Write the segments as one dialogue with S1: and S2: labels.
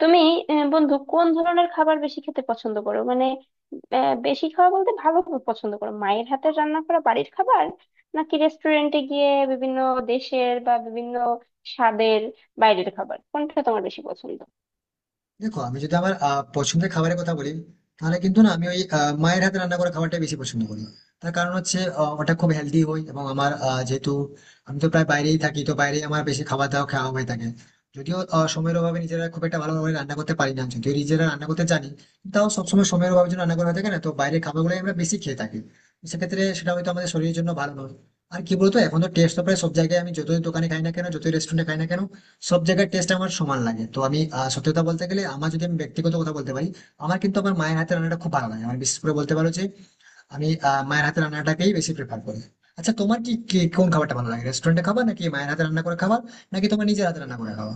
S1: তুমি বন্ধু, কোন ধরনের খাবার বেশি খেতে পছন্দ করো? মানে বেশি খাওয়া বলতে ভালো খাবার পছন্দ করো মায়ের হাতের রান্না করা বাড়ির খাবার, নাকি রেস্টুরেন্টে গিয়ে বিভিন্ন দেশের বা বিভিন্ন স্বাদের বাইরের খাবার? কোনটা তোমার বেশি পছন্দ?
S2: দেখো, আমি যদি আমার পছন্দের খাবারের কথা বলি, তাহলে কিন্তু না আমি ওই মায়ের হাতে রান্না করা খাবারটাই বেশি পছন্দ করি। তার কারণ হচ্ছে, ওটা খুব হেলদি হয়, এবং আমার যেহেতু আমি তো প্রায় বাইরেই থাকি, তো বাইরেই আমার বেশি খাবার দাওয়া খাওয়া হয়ে থাকে। যদিও সময়ের অভাবে নিজেরা খুব একটা ভালোভাবে রান্না করতে পারি না, যদিও নিজেরা রান্না করতে জানি। তাও সবসময় সময়ের অভাবের জন্য রান্না করা হয়ে থাকে না, তো বাইরের খাবারগুলোই আমরা বেশি খেয়ে থাকি। তো সেক্ষেত্রে সেটা হয়তো আমাদের শরীরের জন্য ভালো নয়। আর কি বলতো, এখন তো টেস্ট তো প্রায় সব জায়গায়, আমি যতই দোকানে খাই না কেন, যতই রেস্টুরেন্টে খাই না কেন, সব জায়গার টেস্ট আমার সমান লাগে। তো আমি সত্যি কথা বলতে গেলে, আমার যদি আমি ব্যক্তিগত কথা বলতে পারি, আমার, কিন্তু আমার মায়ের হাতের রান্নাটা খুব ভালো লাগে। আমার বিশেষ করে বলতে পারো যে আমি মায়ের হাতের রান্নাটাকেই বেশি প্রেফার করি। আচ্ছা, তোমার কি কি- কোন খাবারটা ভালো লাগে? রেস্টুরেন্টে খাবার, নাকি মায়ের হাতে রান্না করে খাবার, নাকি তোমার নিজের হাতে রান্না করে খাওয়া?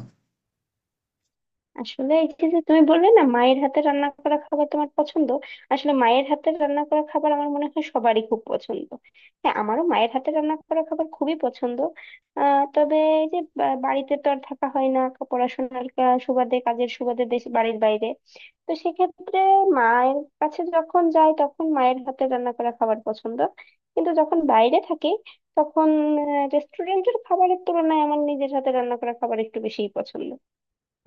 S1: আসলে এই যে যে তুমি বললে না, মায়ের হাতে রান্না করা খাবার তোমার পছন্দ। আসলে মায়ের হাতে রান্না করা খাবার আমার মনে হয় সবারই খুব পছন্দ। হ্যাঁ, আমারও মায়ের হাতে রান্না করা খাবার খুবই পছন্দ। তবে এই যে বাড়িতে তো আর থাকা হয় না, পড়াশোনার সুবাদে, কাজের সুবাদে দেশ বাড়ির বাইরে। তো সেক্ষেত্রে মায়ের কাছে যখন যাই, তখন মায়ের হাতে রান্না করা খাবার পছন্দ। কিন্তু যখন বাইরে থাকি তখন রেস্টুরেন্টের খাবারের তুলনায় আমার নিজের হাতে রান্না করা খাবার একটু বেশিই পছন্দ।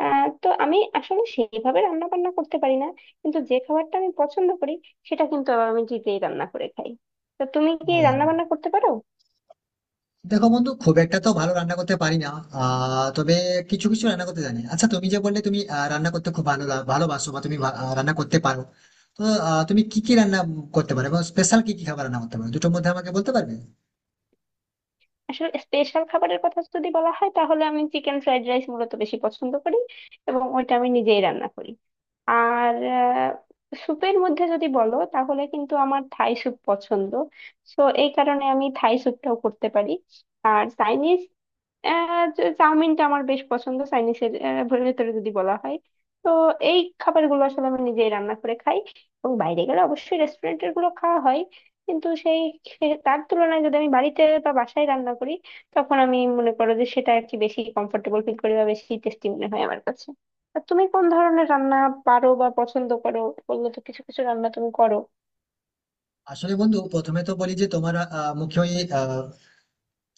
S1: তো আমি আসলে সেইভাবে রান্না বান্না করতে পারি না, কিন্তু যে খাবারটা আমি পছন্দ করি সেটা কিন্তু আবার আমি নিজেই রান্না করে খাই। তো তুমি কি
S2: ও,
S1: রান্না বান্না করতে পারো?
S2: দেখো বন্ধু, খুব একটা তো ভালো রান্না করতে পারি না। তবে কিছু কিছু রান্না করতে জানি। আচ্ছা, তুমি যে বললে তুমি রান্না করতে খুব ভালোবাসো, বা তুমি রান্না করতে পারো। তো তুমি কি কি রান্না করতে পারো এবং স্পেশাল কি কি খাবার রান্না করতে পারো, দুটোর মধ্যে আমাকে বলতে পারবে?
S1: আসলে স্পেশাল খাবারের কথা যদি বলা হয় তাহলে আমি চিকেন ফ্রাইড রাইস মূলত বেশি পছন্দ করি, এবং ওইটা আমি নিজেই রান্না করি। আর স্যুপের মধ্যে যদি বলো তাহলে কিন্তু আমার থাই স্যুপ পছন্দ, তো এই কারণে আমি থাই স্যুপটাও করতে পারি। আর চাইনিজ আহ, চাউমিনটা আমার বেশ পছন্দ চাইনিজের ভেতরে যদি বলা হয়। তো এই খাবারগুলো আসলে আমি নিজেই রান্না করে খাই, এবং বাইরে গেলে অবশ্যই রেস্টুরেন্টের গুলো খাওয়া হয়। কিন্তু তার তুলনায় যদি আমি বাড়িতে বা বাসায় রান্না করি, তখন আমি মনে করো যে সেটা আর কি বেশি কমফোর্টেবল ফিল করি বা বেশি টেস্টি মনে হয় আমার কাছে। আর তুমি কোন ধরনের রান্না পারো বা পছন্দ করো? বললে তো কিছু কিছু রান্না তুমি করো।
S2: আসলে বন্ধু, প্রথমে তো বলি যে তোমার মুখে ওই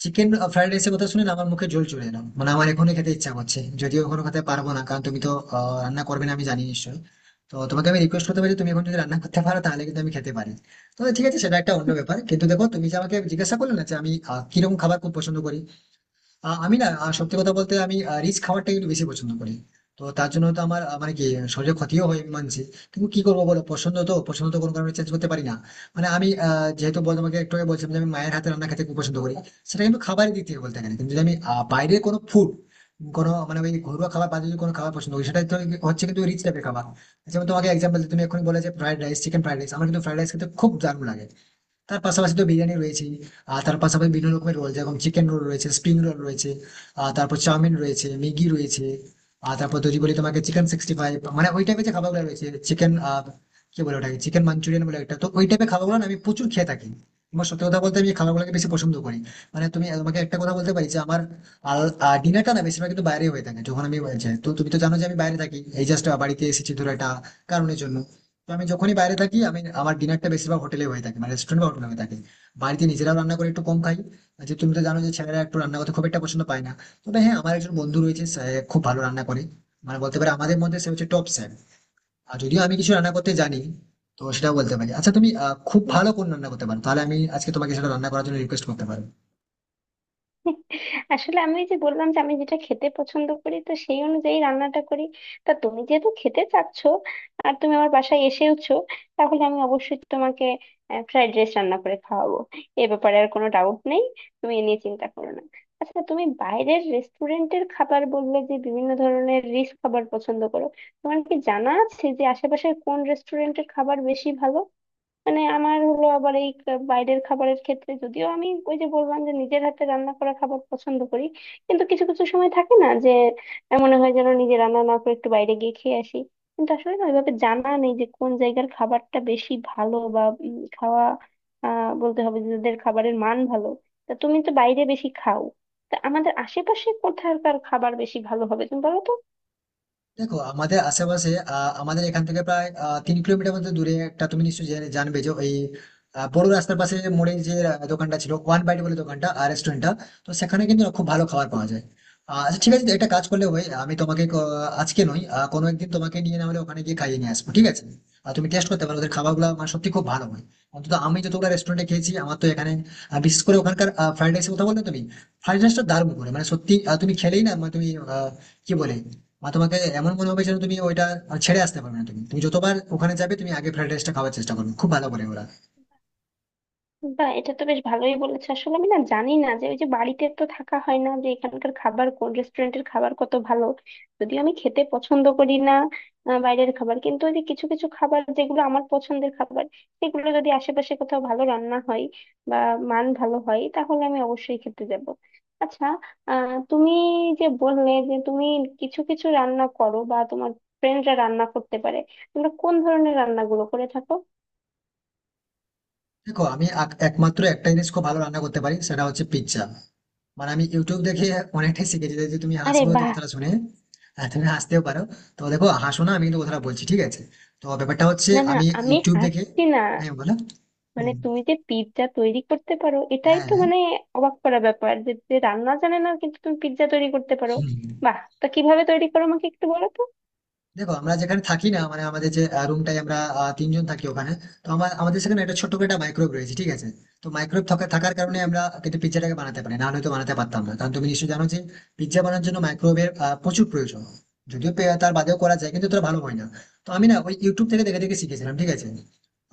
S2: চিকেন ফ্রাইড রাইসের কথা শুনে না আমার মুখে জল চলে এলো। মানে আমার এখনই খেতে ইচ্ছা করছে, যদিও এখনো খেতে পারবো না, কারণ তুমি তো রান্না করবে না আমি জানি নিশ্চয়ই। তো তোমাকে আমি রিকোয়েস্ট করতে পারি, তুমি এখন যদি রান্না করতে পারো তাহলে কিন্তু আমি খেতে পারি। তো ঠিক আছে, সেটা একটা অন্য ব্যাপার। কিন্তু দেখো, তুমি যে আমাকে জিজ্ঞাসা করলে না যে আমি কিরকম খাবার খুব পছন্দ করি। আমি না সত্যি কথা বলতে আমি রিচ খাবারটা কিন্তু বেশি পছন্দ করি। তো তার জন্য তো আমার মানে কি, শরীরে ক্ষতিও হয় আমি মানছি। কিন্তু কি করবো বলো, পছন্দ তো পছন্দ, তো কোনো কারণে চেঞ্জ করতে পারি না। মানে আমি যেহেতু তোমাকে একটু আগে বলছিলাম যে আমি মায়ের হাতে রান্না খেতে খুব পছন্দ করি। সেটা কিন্তু খাবারের দিক থেকে বলতে গেলে, কিন্তু যদি আমি বাইরের কোনো ফুড, কোনো মানে ওই ঘরোয়া খাবার বাদে যদি কোনো খাবার পছন্দ করি, সেটা তো হচ্ছে কিন্তু রিচ টাইপের খাবার। যেমন তোমাকে এক্সাম্পল, তুমি এখন বলে যে fried rice, chicken fried rice. আমার কিন্তু ফ্রাইড রাইস খেতে খুব দারুণ লাগে। তার পাশাপাশি তো বিরিয়ানি রয়েছে। আর তার পাশাপাশি বিভিন্ন রকমের রোল, যেরকম চিকেন রোল রয়েছে, স্প্রিং রোল রয়েছে। আর তারপর চাউমিন রয়েছে, ম্যাগি রয়েছে। আর তারপর যদি বলি তোমাকে চিকেন 65, মানে ওই টাইপের যে খাবারগুলো রয়েছে। চিকেন, কি বলে ওটাকে, চিকেন মাঞ্চুরিয়ান বলে একটা। তো ওই টাইপের খাবারগুলো না আমি প্রচুর খেয়ে থাকি। আমার সত্যি কথা বলতে আমি এই খাবারগুলোকে বেশি পছন্দ করি। মানে তোমাকে একটা কথা বলতে পারি যে আমার ডিনারটা না বেশিরভাগ কিন্তু বাইরে হয়ে থাকে, যখন আমি বাইরে যাই। তো তুমি তো জানো যে আমি বাইরে থাকি, এই জাস্ট বাড়িতে এসেছি ধরো একটা কারণের জন্য। তো আমি যখনই বাইরে থাকি, আমি আমার ডিনারটা বেশিরভাগ হোটেলে হয়ে থাকে, মানে রেস্টুরেন্ট বা হোটেলে হয়ে থাকে। বাড়িতে নিজেরাও রান্না করে একটু কম খাই। আর যে, তুমি তো জানো যে ছেলেরা একটু রান্না করতে খুব একটা পছন্দ পায় না। তবে হ্যাঁ, আমার একজন বন্ধু রয়েছে, সে খুব ভালো রান্না করে। মানে বলতে পারে, আমাদের মধ্যে সে হচ্ছে টপ শেফ। আর যদিও আমি কিছু রান্না করতে জানি, তো সেটাও বলতে পারি। আচ্ছা, তুমি খুব ভালো কোন রান্না করতে পারো, তাহলে আমি আজকে তোমাকে সেটা রান্না করার জন্য রিকোয়েস্ট করতে পারবো।
S1: আসলে আমি ওই যে বললাম যে আমি যেটা খেতে পছন্দ করি, তো সেই অনুযায়ী রান্নাটা করি। তা তুমি যেহেতু খেতে চাচ্ছ আর তুমি আমার বাসায় এসেওছো, তাহলে আমি অবশ্যই তোমাকে ফ্রাইড রাইস রান্না করে খাওয়াবো। এ ব্যাপারে আর কোনো ডাউট নেই, তুমি এ নিয়ে চিন্তা করো না। আচ্ছা, তুমি বাইরের রেস্টুরেন্টের খাবার বললে যে বিভিন্ন ধরনের রিচ খাবার পছন্দ করো। তোমার কি জানা আছে যে আশেপাশে কোন রেস্টুরেন্টের খাবার বেশি ভালো? মানে আমার হলো আবার এই বাইরের খাবারের ক্ষেত্রে, যদিও আমি ওই যে বললাম যে নিজের হাতে রান্না করা খাবার পছন্দ করি, কিন্তু কিছু কিছু সময় থাকে না যে মনে হয় যেন নিজে রান্না না করে একটু বাইরে গিয়ে খেয়ে আসি। কিন্তু আসলে না ওইভাবে জানা নেই যে কোন জায়গার খাবারটা বেশি ভালো বা খাওয়া বলতে হবে যে যাদের খাবারের মান ভালো। তা তুমি তো বাইরে বেশি খাও। তা আমাদের আশেপাশে কোথাকার খাবার বেশি ভালো হবে তুমি বলো তো?
S2: দেখো, আমাদের আশেপাশে আমাদের এখান থেকে প্রায় 3 কিলোমিটার মতো দূরে একটা, তুমি নিশ্চয়ই জানবে, যে ওই বড় রাস্তার পাশে মোড়ে যে দোকানটা ছিল ওয়ান বাইট বলে, দোকানটা আর রেস্টুরেন্টটা। তো সেখানে কিন্তু খুব ভালো খাবার পাওয়া যায়। আচ্ছা ঠিক আছে, একটা কাজ করলে হয়, আমি তোমাকে আজকে নয় কোনো একদিন তোমাকে নিয়ে না হলে ওখানে গিয়ে খাইয়ে নিয়ে আসবো, ঠিক আছে? আর তুমি টেস্ট করতে পারো ওদের খাবারগুলো, মানে সত্যি খুব ভালো হয়। অন্তত আমি যতগুলো রেস্টুরেন্টে খেয়েছি, আমার তো এখানে বিশেষ করে ওখানকার ফ্রাইড রাইসের কথা বললে, তুমি ফ্রাইড রাইসটা দারুণ করে, মানে সত্যি তুমি খেলেই না, মানে তুমি কি বলে, বা তোমাকে এমন মনে হবে যেন তুমি ওইটা আর ছেড়ে আসতে পারবে না। তুমি তুমি যতবার ওখানে যাবে তুমি আগে ফ্রাইড রাইসটা খাওয়ার চেষ্টা করবে, খুব ভালো করে ওরা।
S1: বা এটা তো বেশ ভালোই বলেছে। আসলে আমি না জানি না যে ওই যে বাড়িতে তো থাকা হয় না, যে এখানকার খাবার কোন রেস্টুরেন্টের খাবার কত ভালো। যদিও আমি খেতে পছন্দ করি না বাইরের খাবার, কিন্তু ওই যে কিছু কিছু খাবার যেগুলো আমার পছন্দের খাবার, সেগুলো যদি আশেপাশে কোথাও ভালো রান্না হয় বা মান ভালো হয় তাহলে আমি অবশ্যই খেতে যাব। আচ্ছা, তুমি যে বললে যে তুমি কিছু কিছু রান্না করো বা তোমার ফ্রেন্ডরা রান্না করতে পারে, তোমরা কোন ধরনের রান্নাগুলো করে থাকো?
S2: দেখো, আমি একমাত্র একটা জিনিস খুব ভালো রান্না করতে পারি, সেটা হচ্ছে পিৎজা। মানে আমি ইউটিউব দেখে অনেকটাই শিখেছি, যে তুমি
S1: আরে,
S2: হাসবে হয়তো
S1: বাহ!
S2: কথাটা শুনে। আর তুমি হাসতেও পারো। তো দেখো, হাসো না, আমি কিন্তু কথাটা বলছি, ঠিক আছে। তো ব্যাপারটা হচ্ছে
S1: না না,
S2: আমি
S1: আমি
S2: ইউটিউব দেখে।
S1: হাসছি না।
S2: হ্যাঁ, বলো।
S1: মানে
S2: হুম,
S1: তুমি যে পিৎজা তৈরি করতে পারো এটাই
S2: হ্যাঁ,
S1: তো মানে অবাক করা ব্যাপার, যে যে রান্না জানে না কিন্তু তুমি পিৎজা তৈরি করতে পারো।
S2: হুম।
S1: বাহ, তা কিভাবে তৈরি করো আমাকে একটু বলো তো?
S2: দেখো, আমরা যেখানে থাকি না, মানে আমাদের যে রুমটাই, আমরা তিনজন থাকি ওখানে। তো আমাদের সেখানে একটা ছোট্ট করে একটা মাইক্রোওয়েভ রয়েছে, ঠিক আছে। তো মাইক্রোওয়েভ থাকার কারণে আমরা কিন্তু পিৎজাটাকে বানাতে পারি, না হলে তো বানাতে পারতাম না, কারণ তুমি নিশ্চয়ই জানো যে পিৎজা বানানোর জন্য মাইক্রোওয়েভের প্রচুর প্রয়োজন। যদিও তার বাদেও করা যায়, কিন্তু তোরা ভালো হয় না। তো আমি না ওই ইউটিউব থেকে দেখে দেখে শিখেছিলাম, ঠিক আছে।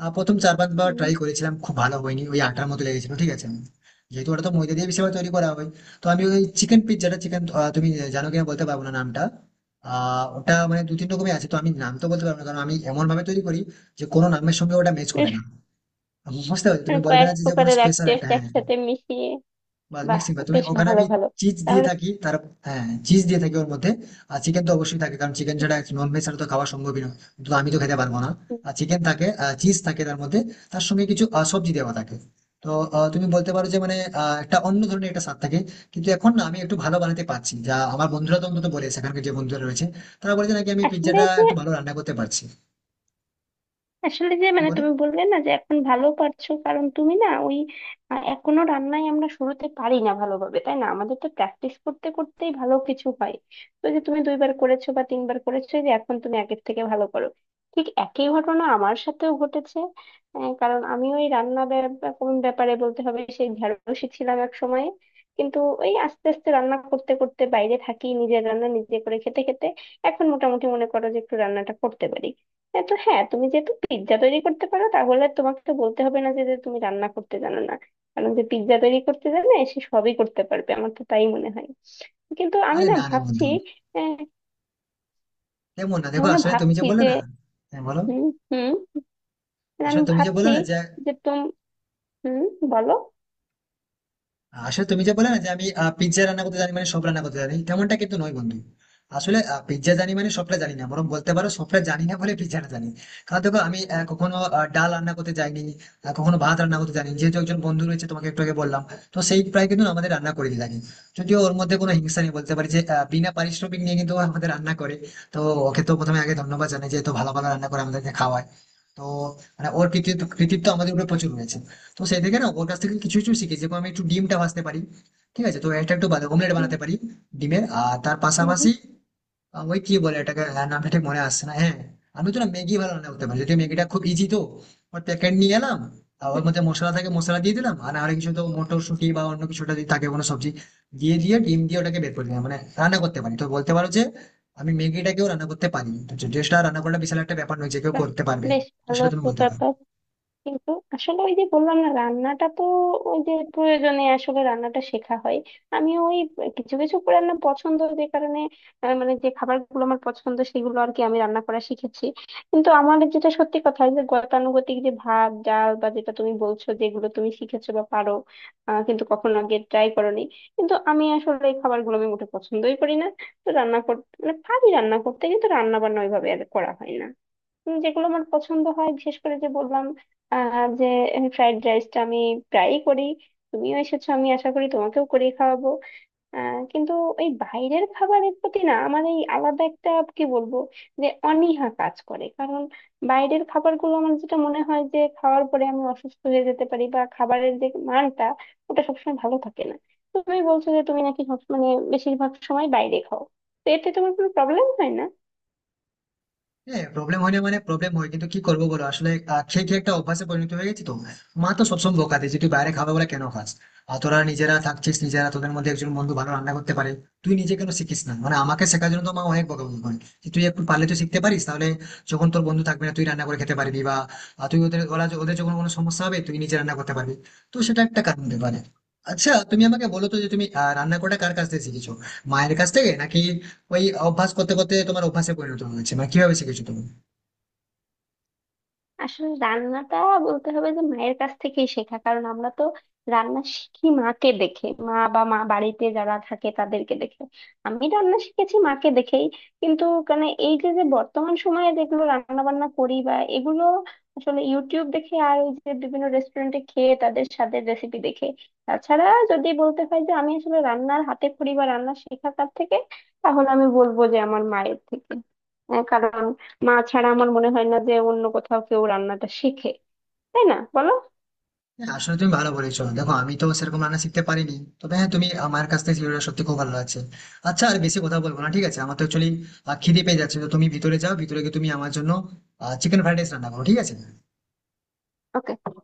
S2: প্রথম চার পাঁচবার
S1: উম।
S2: ট্রাই করেছিলাম, খুব ভালো হয়নি, ওই আটার মতো লেগেছিল, ঠিক আছে। যেহেতু ওটা তো ময়দা দিয়ে বেশিরভাগ তৈরি করা হয়। তো আমি ওই চিকেন পিৎজাটা, চিকেন, তুমি জানো কিনা বলতে পারবো না নামটা। ওটা মানে দু তিন রকমের আছে, তো আমি নাম তো বলতে পারবো না, কারণ আমি এমন ভাবে তৈরি করি যে কোনো নামের সঙ্গে ওটা ম্যাচ করে
S1: বেশ।
S2: না। বুঝতে পারছো?
S1: মানে
S2: তুমি বলবে
S1: কয়েক
S2: না যে যে কোনো
S1: প্রকারের এক
S2: স্পেশাল একটা,
S1: টেস্ট
S2: হ্যাঁ।
S1: একসাথে মিশিয়ে?
S2: বাস,
S1: বাহ।
S2: মিক্সিং ভাই তুমি
S1: বেশ
S2: ওখানে,
S1: ভালো,
S2: আমি
S1: ভালো।
S2: চিজ দিয়ে
S1: তাহলে।
S2: থাকি তার। হ্যাঁ, চিজ দিয়ে থাকি ওর মধ্যে। আর চিকেন তো অবশ্যই থাকে, কারণ চিকেন ছাড়া, নন ভেজ ছাড়া তো খাওয়া সম্ভবই নয়। তো আমি তো খেতে পারবো না।
S1: উম।
S2: আর চিকেন থাকে, চিজ থাকে তার মধ্যে। তার সঙ্গে কিছু সবজি দেওয়া থাকে। তো তুমি বলতে পারো যে মানে একটা অন্য ধরনের একটা স্বাদ থাকে। কিন্তু এখন না আমি একটু ভালো বানাতে পারছি, যা আমার বন্ধুরা তো অন্তত বলে, সেখানকার যে বন্ধুরা রয়েছে, তারা বলেছে নাকি আমি
S1: আসলে
S2: পিৎজাটা
S1: যে,
S2: একটু ভালো রান্না করতে পারছি। হ্যাঁ,
S1: মানে
S2: বলো।
S1: তুমি বললে না যে এখন ভালো পারছো, কারণ তুমি না ওই এখনো রান্নায় আমরা শুরুতে পারি না ভালোভাবে, তাই না? আমাদের তো প্র্যাকটিস করতে করতেই ভালো কিছু হয়। তো যে তুমি দুইবার করেছো বা তিনবার করেছো এই যে এখন তুমি আগের থেকে ভালো করো। ঠিক একই ঘটনা আমার সাথেও ঘটেছে। কারণ আমি ওই কোন ব্যাপারে বলতে হবে, সেই ঢেড়সই ছিলাম এক সময়। কিন্তু ওই আস্তে আস্তে রান্না করতে করতে বাইরে থাকি নিজের রান্না নিজে করে খেতে খেতে, এখন মোটামুটি মনে করো যে একটু রান্নাটা করতে পারি। হ্যাঁ, তো হ্যাঁ, তুমি যেহেতু পিৎজা তৈরি করতে পারো তাহলে তোমাকে তো বলতে হবে না যে যে তুমি রান্না করতে জানো না। কারণ যে পিৎজা তৈরি করতে জানে সে সবই করতে পারবে, আমার তো তাই মনে হয়। কিন্তু আমি
S2: আরে
S1: না
S2: না না
S1: ভাবছি।
S2: বন্ধু,
S1: আহ,
S2: কেমন না দেখো,
S1: আমি না
S2: আসলে তুমি যে
S1: ভাবছি
S2: বলে
S1: যে।
S2: না হ্যাঁ, বলো।
S1: হুম। হুম। মানে
S2: আসলে
S1: আমি
S2: তুমি যে বলে
S1: ভাবছি
S2: না যে
S1: যে তুমি। হুম, বলো।
S2: আসলে তুমি যে বলে না যে আমি পিৎজা রান্না করতে জানি মানে সব রান্না করতে জানি তেমনটা কিন্তু নয়, বন্ধু। আসলে পিৎজা জানি মানে সবটা জানি না, বরং বলতে পারো সবটা জানি না বলে পিৎজাটা জানি। কারণ দেখো, আমি কখনো ডাল রান্না করতে জানি, কখনো ভাত রান্না করতে জানি, যেহেতু একজন বন্ধু রয়েছে তোমাকে একটু আগে বললাম, তো সেই প্রায় কিন্তু আমাদের রান্না করে দিয়ে থাকে। যদিও ওর মধ্যে কোনো হিংসা নেই বলতে পারি, যে বিনা পারিশ্রমিক নিয়ে কিন্তু ও আমাদের রান্না করে। তো ওকে তো প্রথমে আগে ধন্যবাদ জানাই, যে এত ভালো ভালো রান্না করে আমাদেরকে খাওয়ায়। তো মানে ওর কৃতিত্ব কৃতিত্ব আমাদের উপরে প্রচুর রয়েছে। তো সেই থেকে না ওর কাছ থেকে কিছু কিছু শিখেছি, যেমন আমি একটু ডিমটা ভাজতে পারি, ঠিক আছে। তো এটা একটু অমলেট
S1: হুম।
S2: বানাতে পারি, ডিমের। আর তার
S1: হুম।
S2: পাশাপাশি
S1: হুম।
S2: ওই কি বলে এটাকে, হ্যাঁ, নামটা ঠিক মনে আসছে না, হ্যাঁ। আমি তো না ম্যাগি ভালো রান্না করতে পারি, যদি ম্যাগিটা খুব ইজি, তো ওর প্যাকেট নিয়ে এলাম, আর ওর
S1: হুম।
S2: মধ্যে মশলা থাকে, মশলা দিয়ে দিলাম, আর আর কিছু তো মটরশুঁটি বা অন্য কিছুটা যদি থাকে কোনো সবজি দিয়ে দিয়ে ডিম দিয়ে ওটাকে বের করে দিলাম, মানে রান্না করতে পারি। তো বলতে পারো যে আমি ম্যাগিটাকেও রান্না করতে পারি, তো ড্রেসটা রান্না করাটা বিশাল একটা ব্যাপার নয়, যে কেউ
S1: বাহ,
S2: করতে পারবে।
S1: বেশ
S2: তো
S1: ভালো
S2: সেটা তুমি
S1: একটা
S2: বলতে পারো।
S1: ব্যাপার। কিন্তু আসলে ওই যে বললাম না রান্নাটা তো ওই যে প্রয়োজনে আসলে রান্নাটা শেখা হয়। আমি ওই কিছু কিছু রান্না পছন্দ যে কারণে, মানে যে খাবারগুলো আমার পছন্দ সেগুলো আর কি আমি রান্না করা শিখেছি। কিন্তু আমার যেটা সত্যি কথা, যে গতানুগতিক যে ভাত ডাল বা যেটা তুমি বলছো যেগুলো তুমি শিখেছো বা পারো, কিন্তু কখনো আগে ট্রাই করোনি। কিন্তু আমি আসলে এই খাবারগুলো আমি মোটে পছন্দই করি না। তো রান্না করতে মানে পারি রান্না করতে, কিন্তু রান্না বান্না ওইভাবে আর করা হয় না। যেগুলো আমার পছন্দ হয় বিশেষ করে যে বললাম যে ফ্রাইড রাইসটা আমি প্রায়ই করি। তুমিও এসেছো, আমি আশা করি তোমাকেও করে খাওয়াবো। আহ, কিন্তু এই বাইরের খাবারের প্রতি না আমার এই আলাদা একটা কি বলবো যে অনীহা কাজ করে, কারণ বাইরের খাবারগুলো আমার যেটা মনে হয় যে খাওয়ার পরে আমি অসুস্থ হয়ে যেতে পারি বা খাবারের যে মানটা ওটা সবসময় ভালো থাকে না। তুমি বলছো যে তুমি নাকি মানে বেশিরভাগ সময় বাইরে খাও, তো এতে তোমার কোনো প্রবলেম হয় না?
S2: হ্যাঁ, প্রবলেম হয় না, মানে প্রবলেম হয়, কিন্তু কি করবো বলো, আসলে খেয়ে খেয়ে একটা অভ্যাসে পরিণত হয়ে গেছি তো। মা তো সবসময় বকা দেয়, যে তুই বাইরে খাবে বলে কেন খাস। আর তোরা নিজেরা থাকছিস, নিজেরা তোদের মধ্যে একজন বন্ধু ভালো রান্না করতে পারে, তুই নিজে কেন শিখিস না, মানে আমাকে শেখার জন্য তো মা অনেক বকাবকি করে, যে তুই একটু পারলে তো শিখতে পারিস, তাহলে যখন তোর বন্ধু থাকবে না তুই রান্না করে খেতে পারবি, বা তুই ওদের ওরা ওদের যখন কোনো সমস্যা হবে তুই নিজে রান্না করতে পারবি। তো সেটা একটা কারণ হতে পারে। আচ্ছা, তুমি আমাকে বলো তো, যে তুমি রান্না করাটা কার কাছ থেকে শিখেছো, মায়ের কাছ থেকে, নাকি ওই অভ্যাস করতে করতে তোমার অভ্যাসে পরিণত হয়েছে, মানে কিভাবে শিখেছো তুমি?
S1: আসলে রান্নাটা বলতে হবে যে মায়ের কাছ থেকেই শেখা, কারণ আমরা তো রান্না শিখি মাকে দেখে, মা বা মা বাড়িতে যারা থাকে তাদেরকে দেখে। আমি রান্না শিখেছি মাকে দেখেই। কিন্তু মানে এই যে যে বর্তমান সময়ে যেগুলো রান্না বান্না করি বা এগুলো আসলে ইউটিউব দেখে আর ওই যে বিভিন্ন রেস্টুরেন্টে খেয়ে তাদের স্বাদের রেসিপি দেখে। তাছাড়া যদি বলতে হয় যে আমি আসলে রান্নার হাতে খড়ি বা রান্না শেখা কার থেকে, তাহলে আমি বলবো যে আমার মায়ের থেকে। কারণ মা ছাড়া আমার মনে হয় না যে অন্য কোথাও কেউ রান্নাটা শেখে, তাই না বলো?
S2: হ্যাঁ, আসলে তুমি ভালো বলেছো। দেখো, আমি তো সেরকম রান্না শিখতে পারিনি। তবে হ্যাঁ, তুমি আমার কাছ থেকে ভিডিওটা সত্যি খুব ভালো লাগছে। আচ্ছা, আর বেশি কথা বলবো না, ঠিক আছে। আমার তো অ্যাকচুয়ালি খিদে পেয়ে যাচ্ছে, তো তুমি ভিতরে যাও, ভিতরে গিয়ে তুমি আমার জন্য চিকেন ফ্রাইড রাইস রান্না করো, ঠিক আছে?
S1: ওকে।